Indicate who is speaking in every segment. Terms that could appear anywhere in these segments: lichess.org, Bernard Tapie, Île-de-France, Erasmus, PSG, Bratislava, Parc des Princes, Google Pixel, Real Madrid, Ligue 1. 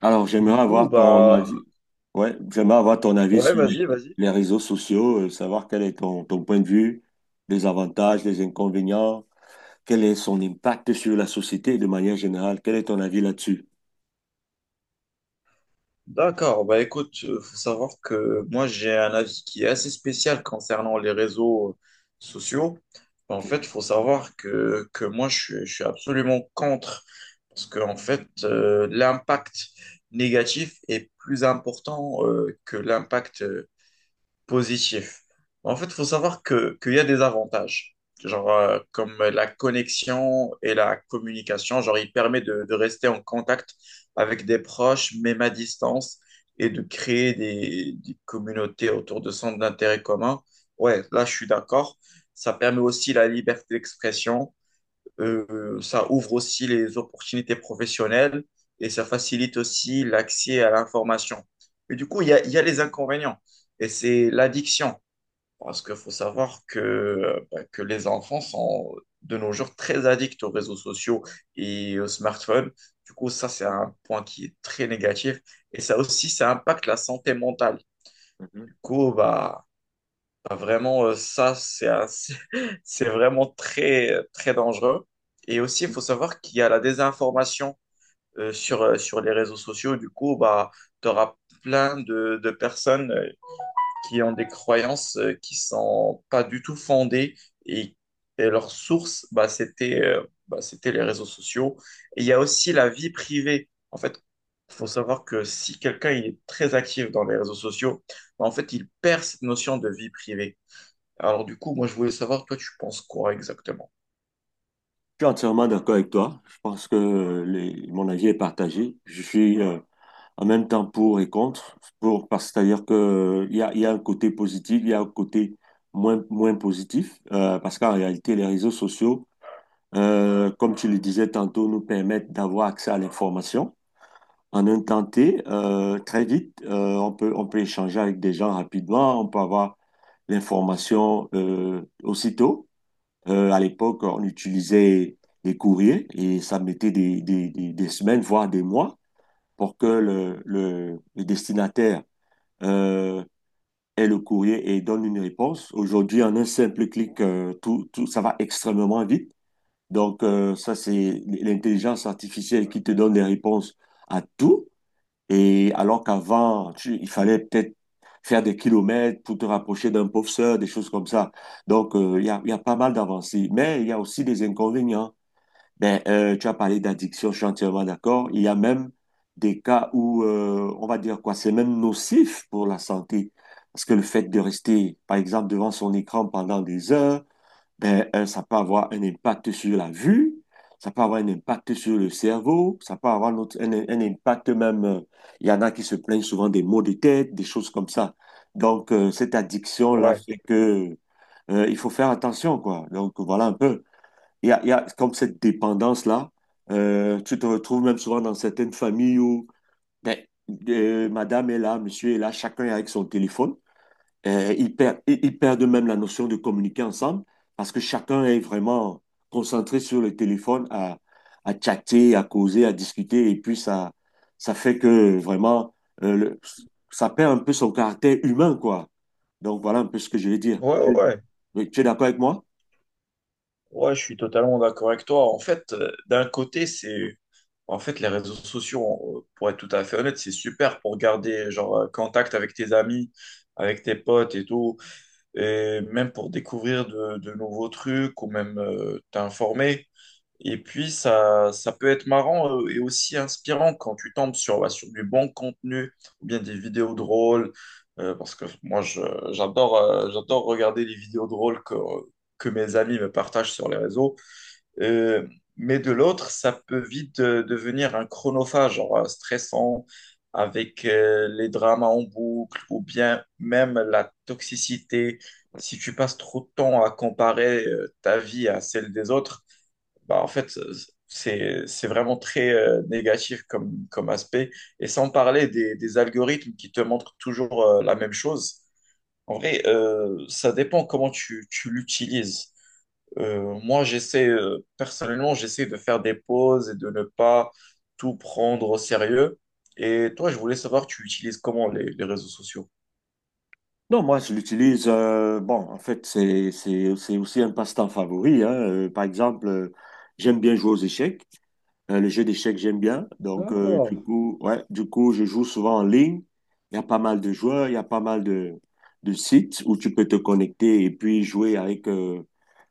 Speaker 1: Alors,
Speaker 2: Du
Speaker 1: j'aimerais
Speaker 2: coup,
Speaker 1: avoir ton
Speaker 2: bah,
Speaker 1: avis. Ouais, j'aimerais avoir ton avis
Speaker 2: ouais,
Speaker 1: sur
Speaker 2: vas-y,
Speaker 1: les,
Speaker 2: vas-y.
Speaker 1: les réseaux sociaux, savoir quel est ton point de vue, les avantages, les inconvénients, quel est son impact sur la société de manière générale. Quel est ton avis là-dessus?
Speaker 2: D'accord, bah écoute, faut savoir que moi j'ai un avis qui est assez spécial concernant les réseaux sociaux. En
Speaker 1: Ok.
Speaker 2: fait, faut savoir que moi je suis absolument contre parce que en fait l'impact négatif est plus important que l'impact positif. En fait, il faut savoir que qu'il y a des avantages, genre comme la connexion et la communication. Genre, il permet de rester en contact avec des proches, même à distance, et de créer des communautés autour de centres d'intérêt communs. Ouais, là, je suis d'accord. Ça permet aussi la liberté d'expression, ça ouvre aussi les opportunités professionnelles et ça facilite aussi l'accès à l'information. Mais du coup, il y a les inconvénients et c'est l'addiction parce qu'il faut savoir que, bah, que les enfants sont de nos jours très addicts aux réseaux sociaux et aux smartphones. Du coup, ça, c'est un point qui est très négatif et ça aussi, ça impacte la santé mentale.
Speaker 1: Mhm.
Speaker 2: Du coup, bah, Vraiment, ça, c'est vraiment très, très dangereux. Et aussi, il faut savoir qu'il y a la désinformation sur les réseaux sociaux. Du coup, bah, tu auras plein de personnes qui ont des croyances qui sont pas du tout fondées et, et leur source, bah, c'était les réseaux sociaux. Et il y a aussi la vie privée. En fait, il faut savoir que si quelqu'un il est très actif dans les réseaux sociaux, bah, en fait, il perd cette notion de vie privée. Alors du coup, moi je voulais savoir, toi tu penses quoi exactement?
Speaker 1: Je suis entièrement d'accord avec toi. Je pense que mon avis est partagé. Je suis en même temps pour et contre, pour, parce que c'est-à-dire que il y a un côté positif, il y a un côté moins positif, parce qu'en réalité, les réseaux sociaux comme tu le disais tantôt, nous permettent d'avoir accès à l'information. En un temps T, très vite, on peut échanger avec des gens rapidement, on peut avoir l'information aussitôt. À l'époque, on utilisait les courriers et ça mettait des semaines, voire des mois, pour que le destinataire euh, ait le courrier et donne une réponse. Aujourd'hui, en un simple clic, tout, ça va extrêmement vite. Donc, ça, c'est l'intelligence artificielle qui te donne des réponses à tout. Et alors qu'avant, il fallait peut-être faire des kilomètres pour te rapprocher d'un pauvre sœur, des choses comme ça. Donc, il y a pas mal d'avancées. Mais il y a aussi des inconvénients. Ben, tu as parlé d'addiction, je suis entièrement d'accord. Il y a même des cas où, on va dire quoi, c'est même nocif pour la santé. Parce que le fait de rester, par exemple, devant son écran pendant des heures, ben, ça peut avoir un impact sur la vue, ça peut avoir un impact sur le cerveau, ça peut avoir notre un impact même, il y en a qui se plaignent souvent des maux de tête, des choses comme ça. Donc, cette addiction-là
Speaker 2: Ouais,
Speaker 1: fait que il faut faire attention, quoi. Donc, voilà un peu. Il y a comme cette dépendance-là. Tu te retrouves même souvent dans certaines familles où ben, madame est là, monsieur est là, chacun est avec son téléphone. Ils perdent même la notion de communiquer ensemble parce que chacun est vraiment concentré sur le téléphone à chatter, à causer, à discuter. Et puis, ça fait que vraiment, euh, le- ça perd un peu son caractère humain, quoi. Donc, voilà un peu ce que je vais dire.
Speaker 2: ouais, ouais,
Speaker 1: Oui, tu es d'accord avec moi?
Speaker 2: ouais, je suis totalement d'accord avec toi. En fait, d'un côté, c'est, en fait, les réseaux sociaux, pour être tout à fait honnête, c'est super pour garder, genre, contact avec tes amis, avec tes potes et tout, et même pour découvrir de nouveaux trucs ou même t'informer. Et puis, ça peut être marrant et aussi inspirant quand tu tombes sur, bah, sur du bon contenu ou bien des vidéos drôles. Parce que moi, je- j'adore j'adore regarder les vidéos drôles que mes amis me partagent sur les réseaux. Euh, mais de l'autre, ça peut vite devenir un chronophage, genre stressant, avec les dramas en boucle ou bien même la toxicité. Si tu passes trop de temps à comparer ta vie à celle des autres, bah, en fait, c'est vraiment très négatif comme aspect. Et sans parler des algorithmes qui te montrent toujours la même chose. En vrai, ça dépend tu l'utilises. Personnellement, j'essaie de faire des pauses et de ne pas tout prendre au sérieux. Et toi, je voulais savoir, tu utilises comment les réseaux sociaux?
Speaker 1: Non, moi, je l'utilise. Bon, en fait, c'est aussi un passe-temps favori. Hein. Par exemple, j'aime bien jouer aux échecs. Les jeux d'échecs, j'aime bien. Donc, du coup, je joue souvent en ligne. Il y a pas mal de joueurs, il y a pas mal de sites où tu peux te connecter et puis jouer avec,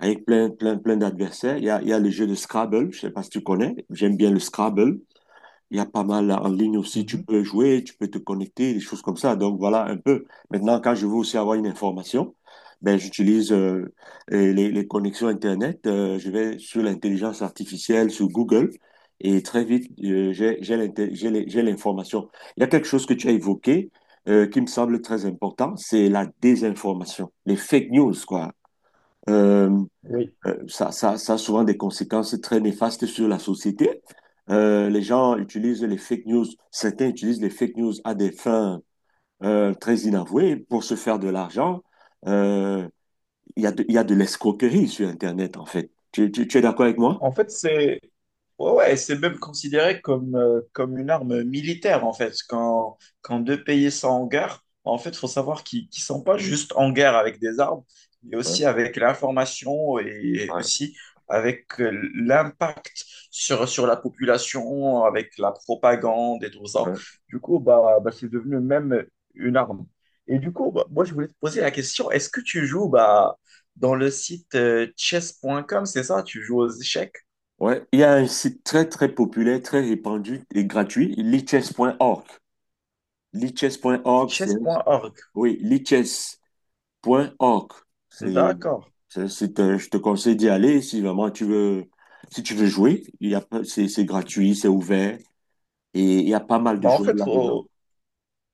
Speaker 1: avec plein d'adversaires. Il y a le jeu de Scrabble, je sais pas si tu connais. J'aime bien le Scrabble. Il y a pas mal en ligne aussi, tu
Speaker 2: Mhm.
Speaker 1: peux jouer, tu peux te connecter, des choses comme ça. Donc voilà un peu. Maintenant, quand je veux aussi avoir une information, ben, j'utilise les connexions Internet. Je vais sur l'intelligence artificielle, sur Google, et très vite, j'ai l'information. Il y a quelque chose que tu as évoqué qui me semble très important, c'est la désinformation, les fake news, quoi. Euh,
Speaker 2: Oui.
Speaker 1: ça a souvent des conséquences très néfastes sur la société. Les gens utilisent les fake news, certains utilisent les fake news à des fins très inavouées pour se faire de l'argent. Euh, Il y a de, il y a de l'escroquerie sur Internet, en fait. Tu es d'accord avec moi?
Speaker 2: En fait, c'est Ouais, ouais, c'est même considéré comme, comme une arme militaire, en fait. Quand deux pays sont en guerre, en fait, il faut savoir qu'ils ne sont pas juste en guerre avec des armes, mais
Speaker 1: Ouais,
Speaker 2: aussi avec l'information et
Speaker 1: ouais,
Speaker 2: aussi avec l'impact sur la population, avec la propagande et tout ça.
Speaker 1: ouais.
Speaker 2: C'est devenu même une arme. Et du coup, bah, moi, je voulais te poser la question, est-ce que tu joues bah, dans le site chess.com, c'est ça? Tu joues aux échecs?
Speaker 1: Ouais, il y a un site très très populaire, très répandu et gratuit, lichess.org. Lichess.org, c'est
Speaker 2: chess.org.
Speaker 1: oui, lichess.org. C'est,
Speaker 2: D'accord.
Speaker 1: je te conseille d'y aller si vraiment tu veux, si tu veux jouer. Il y a, pas- C'est gratuit, c'est ouvert et il y a pas mal de
Speaker 2: Bah, en
Speaker 1: joueurs
Speaker 2: fait,
Speaker 1: là-dedans.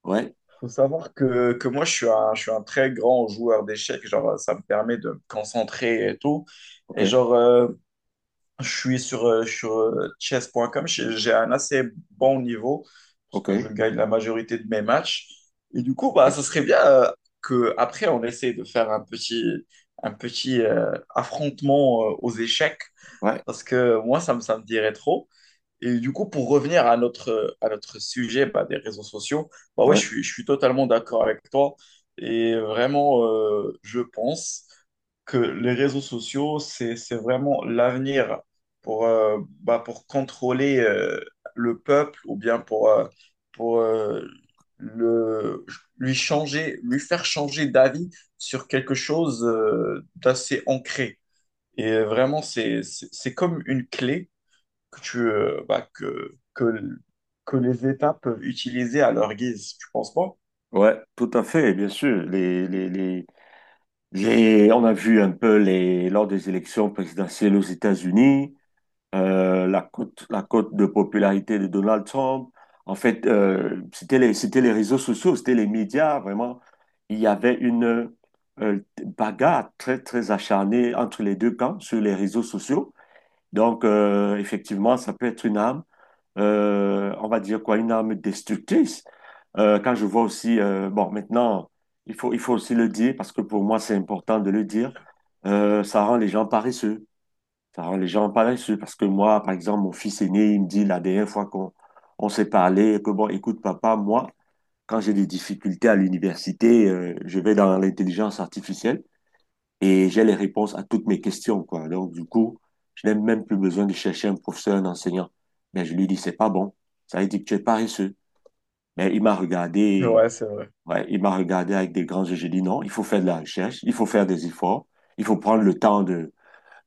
Speaker 1: Ouais.
Speaker 2: faut savoir que moi, je suis un très grand joueur d'échecs. Genre, ça me permet de me concentrer et tout.
Speaker 1: Ok.
Speaker 2: Et genre, je suis sur, sur chess.com. J'ai un assez bon niveau parce que je
Speaker 1: Ok.
Speaker 2: gagne la majorité de mes matchs. Et du coup, bah,
Speaker 1: Ok.
Speaker 2: ça serait bien que après on essaie de faire un petit affrontement aux échecs
Speaker 1: Ouais.
Speaker 2: parce que moi, ça me dirait trop. Et du coup, pour revenir à à notre sujet bah, des réseaux sociaux, bah ouais,
Speaker 1: Ouais.
Speaker 2: je suis totalement d'accord avec toi. Et vraiment, je pense que les réseaux sociaux, c'est vraiment l'avenir pour, pour contrôler le peuple ou bien pour le, lui changer, lui faire changer d'avis sur quelque chose d'assez ancré. Et vraiment, c'est comme une clé que tu, bah, que les États peuvent utiliser à leur guise, tu penses pas?
Speaker 1: Ouais. Tout à fait. Bien sûr. On a vu un peu les, lors des élections présidentielles aux États-Unis. La cote de popularité de Donald Trump. En fait, c'était les réseaux sociaux, c'était les médias, vraiment. Il y avait une euh, bagarre très acharnée entre les deux camps sur les réseaux sociaux. Donc, effectivement, ça peut être une arme, on va dire quoi, une arme destructrice. Quand je vois aussi, bon, maintenant, il faut aussi le dire, parce que pour moi, c'est important de le dire, ça rend les gens paresseux. Ça les gens pas là-dessus parce que moi, par exemple, mon fils aîné, il me dit la dernière fois qu'on on s'est parlé, que bon, écoute, papa, moi, quand j'ai des difficultés à l'université, je vais dans l'intelligence artificielle et j'ai les réponses à toutes mes questions, quoi. Donc, du coup, je n'ai même plus besoin de chercher un professeur, un enseignant. Mais je lui dis, c'est pas bon. Ça veut dire que tu es paresseux. Mais il m'a regardé,
Speaker 2: Ouais, c'est vrai.
Speaker 1: ouais, il m'a regardé avec des grands yeux. J'ai dit, non, il faut faire de la recherche, il faut faire des efforts, il faut prendre le temps de,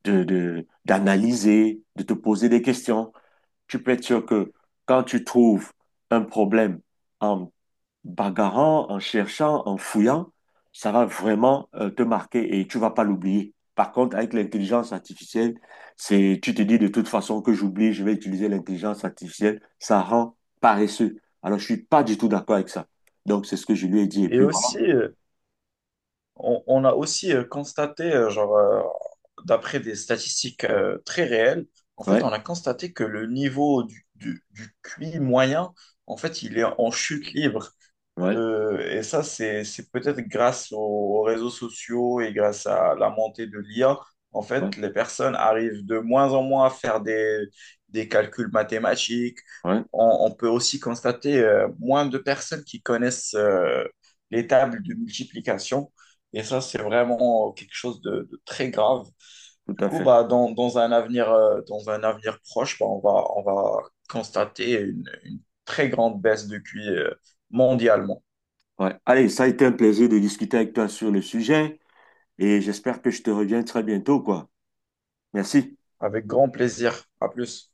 Speaker 1: de, de- d'analyser, de te poser des questions. Tu peux être sûr que quand tu trouves un problème en bagarrant, en cherchant, en fouillant, ça va vraiment te marquer et tu vas pas l'oublier. Par contre, avec l'intelligence artificielle, c'est, tu te dis de toute façon que j'oublie, je vais utiliser l'intelligence artificielle, ça rend paresseux. Alors, je suis pas du tout d'accord avec ça. Donc, c'est ce que je lui ai dit. Et
Speaker 2: Et
Speaker 1: puis, voilà.
Speaker 2: aussi, on a aussi constaté, d'après des statistiques très réelles, en fait, on
Speaker 1: Ouais,
Speaker 2: a constaté que le niveau du QI moyen, en fait, il est en chute libre.
Speaker 1: ouais,
Speaker 2: Et ça, c'est peut-être grâce aux réseaux sociaux et grâce à la montée de l'IA. En
Speaker 1: ouais,
Speaker 2: fait, les personnes arrivent de moins en moins à faire des calculs mathématiques.
Speaker 1: ouais,
Speaker 2: On peut aussi constater moins de personnes qui connaissent les tables de multiplication. Et ça, c'est vraiment quelque chose de très grave.
Speaker 1: tout
Speaker 2: Du
Speaker 1: à
Speaker 2: coup,
Speaker 1: fait.
Speaker 2: bah, dans un avenir proche, bah, on va constater une très grande baisse de QI mondialement.
Speaker 1: Ouais. Allez, ça a été un plaisir de discuter avec toi sur le sujet et j'espère que je te reviens très bientôt, quoi. Merci.
Speaker 2: Avec grand plaisir. À plus.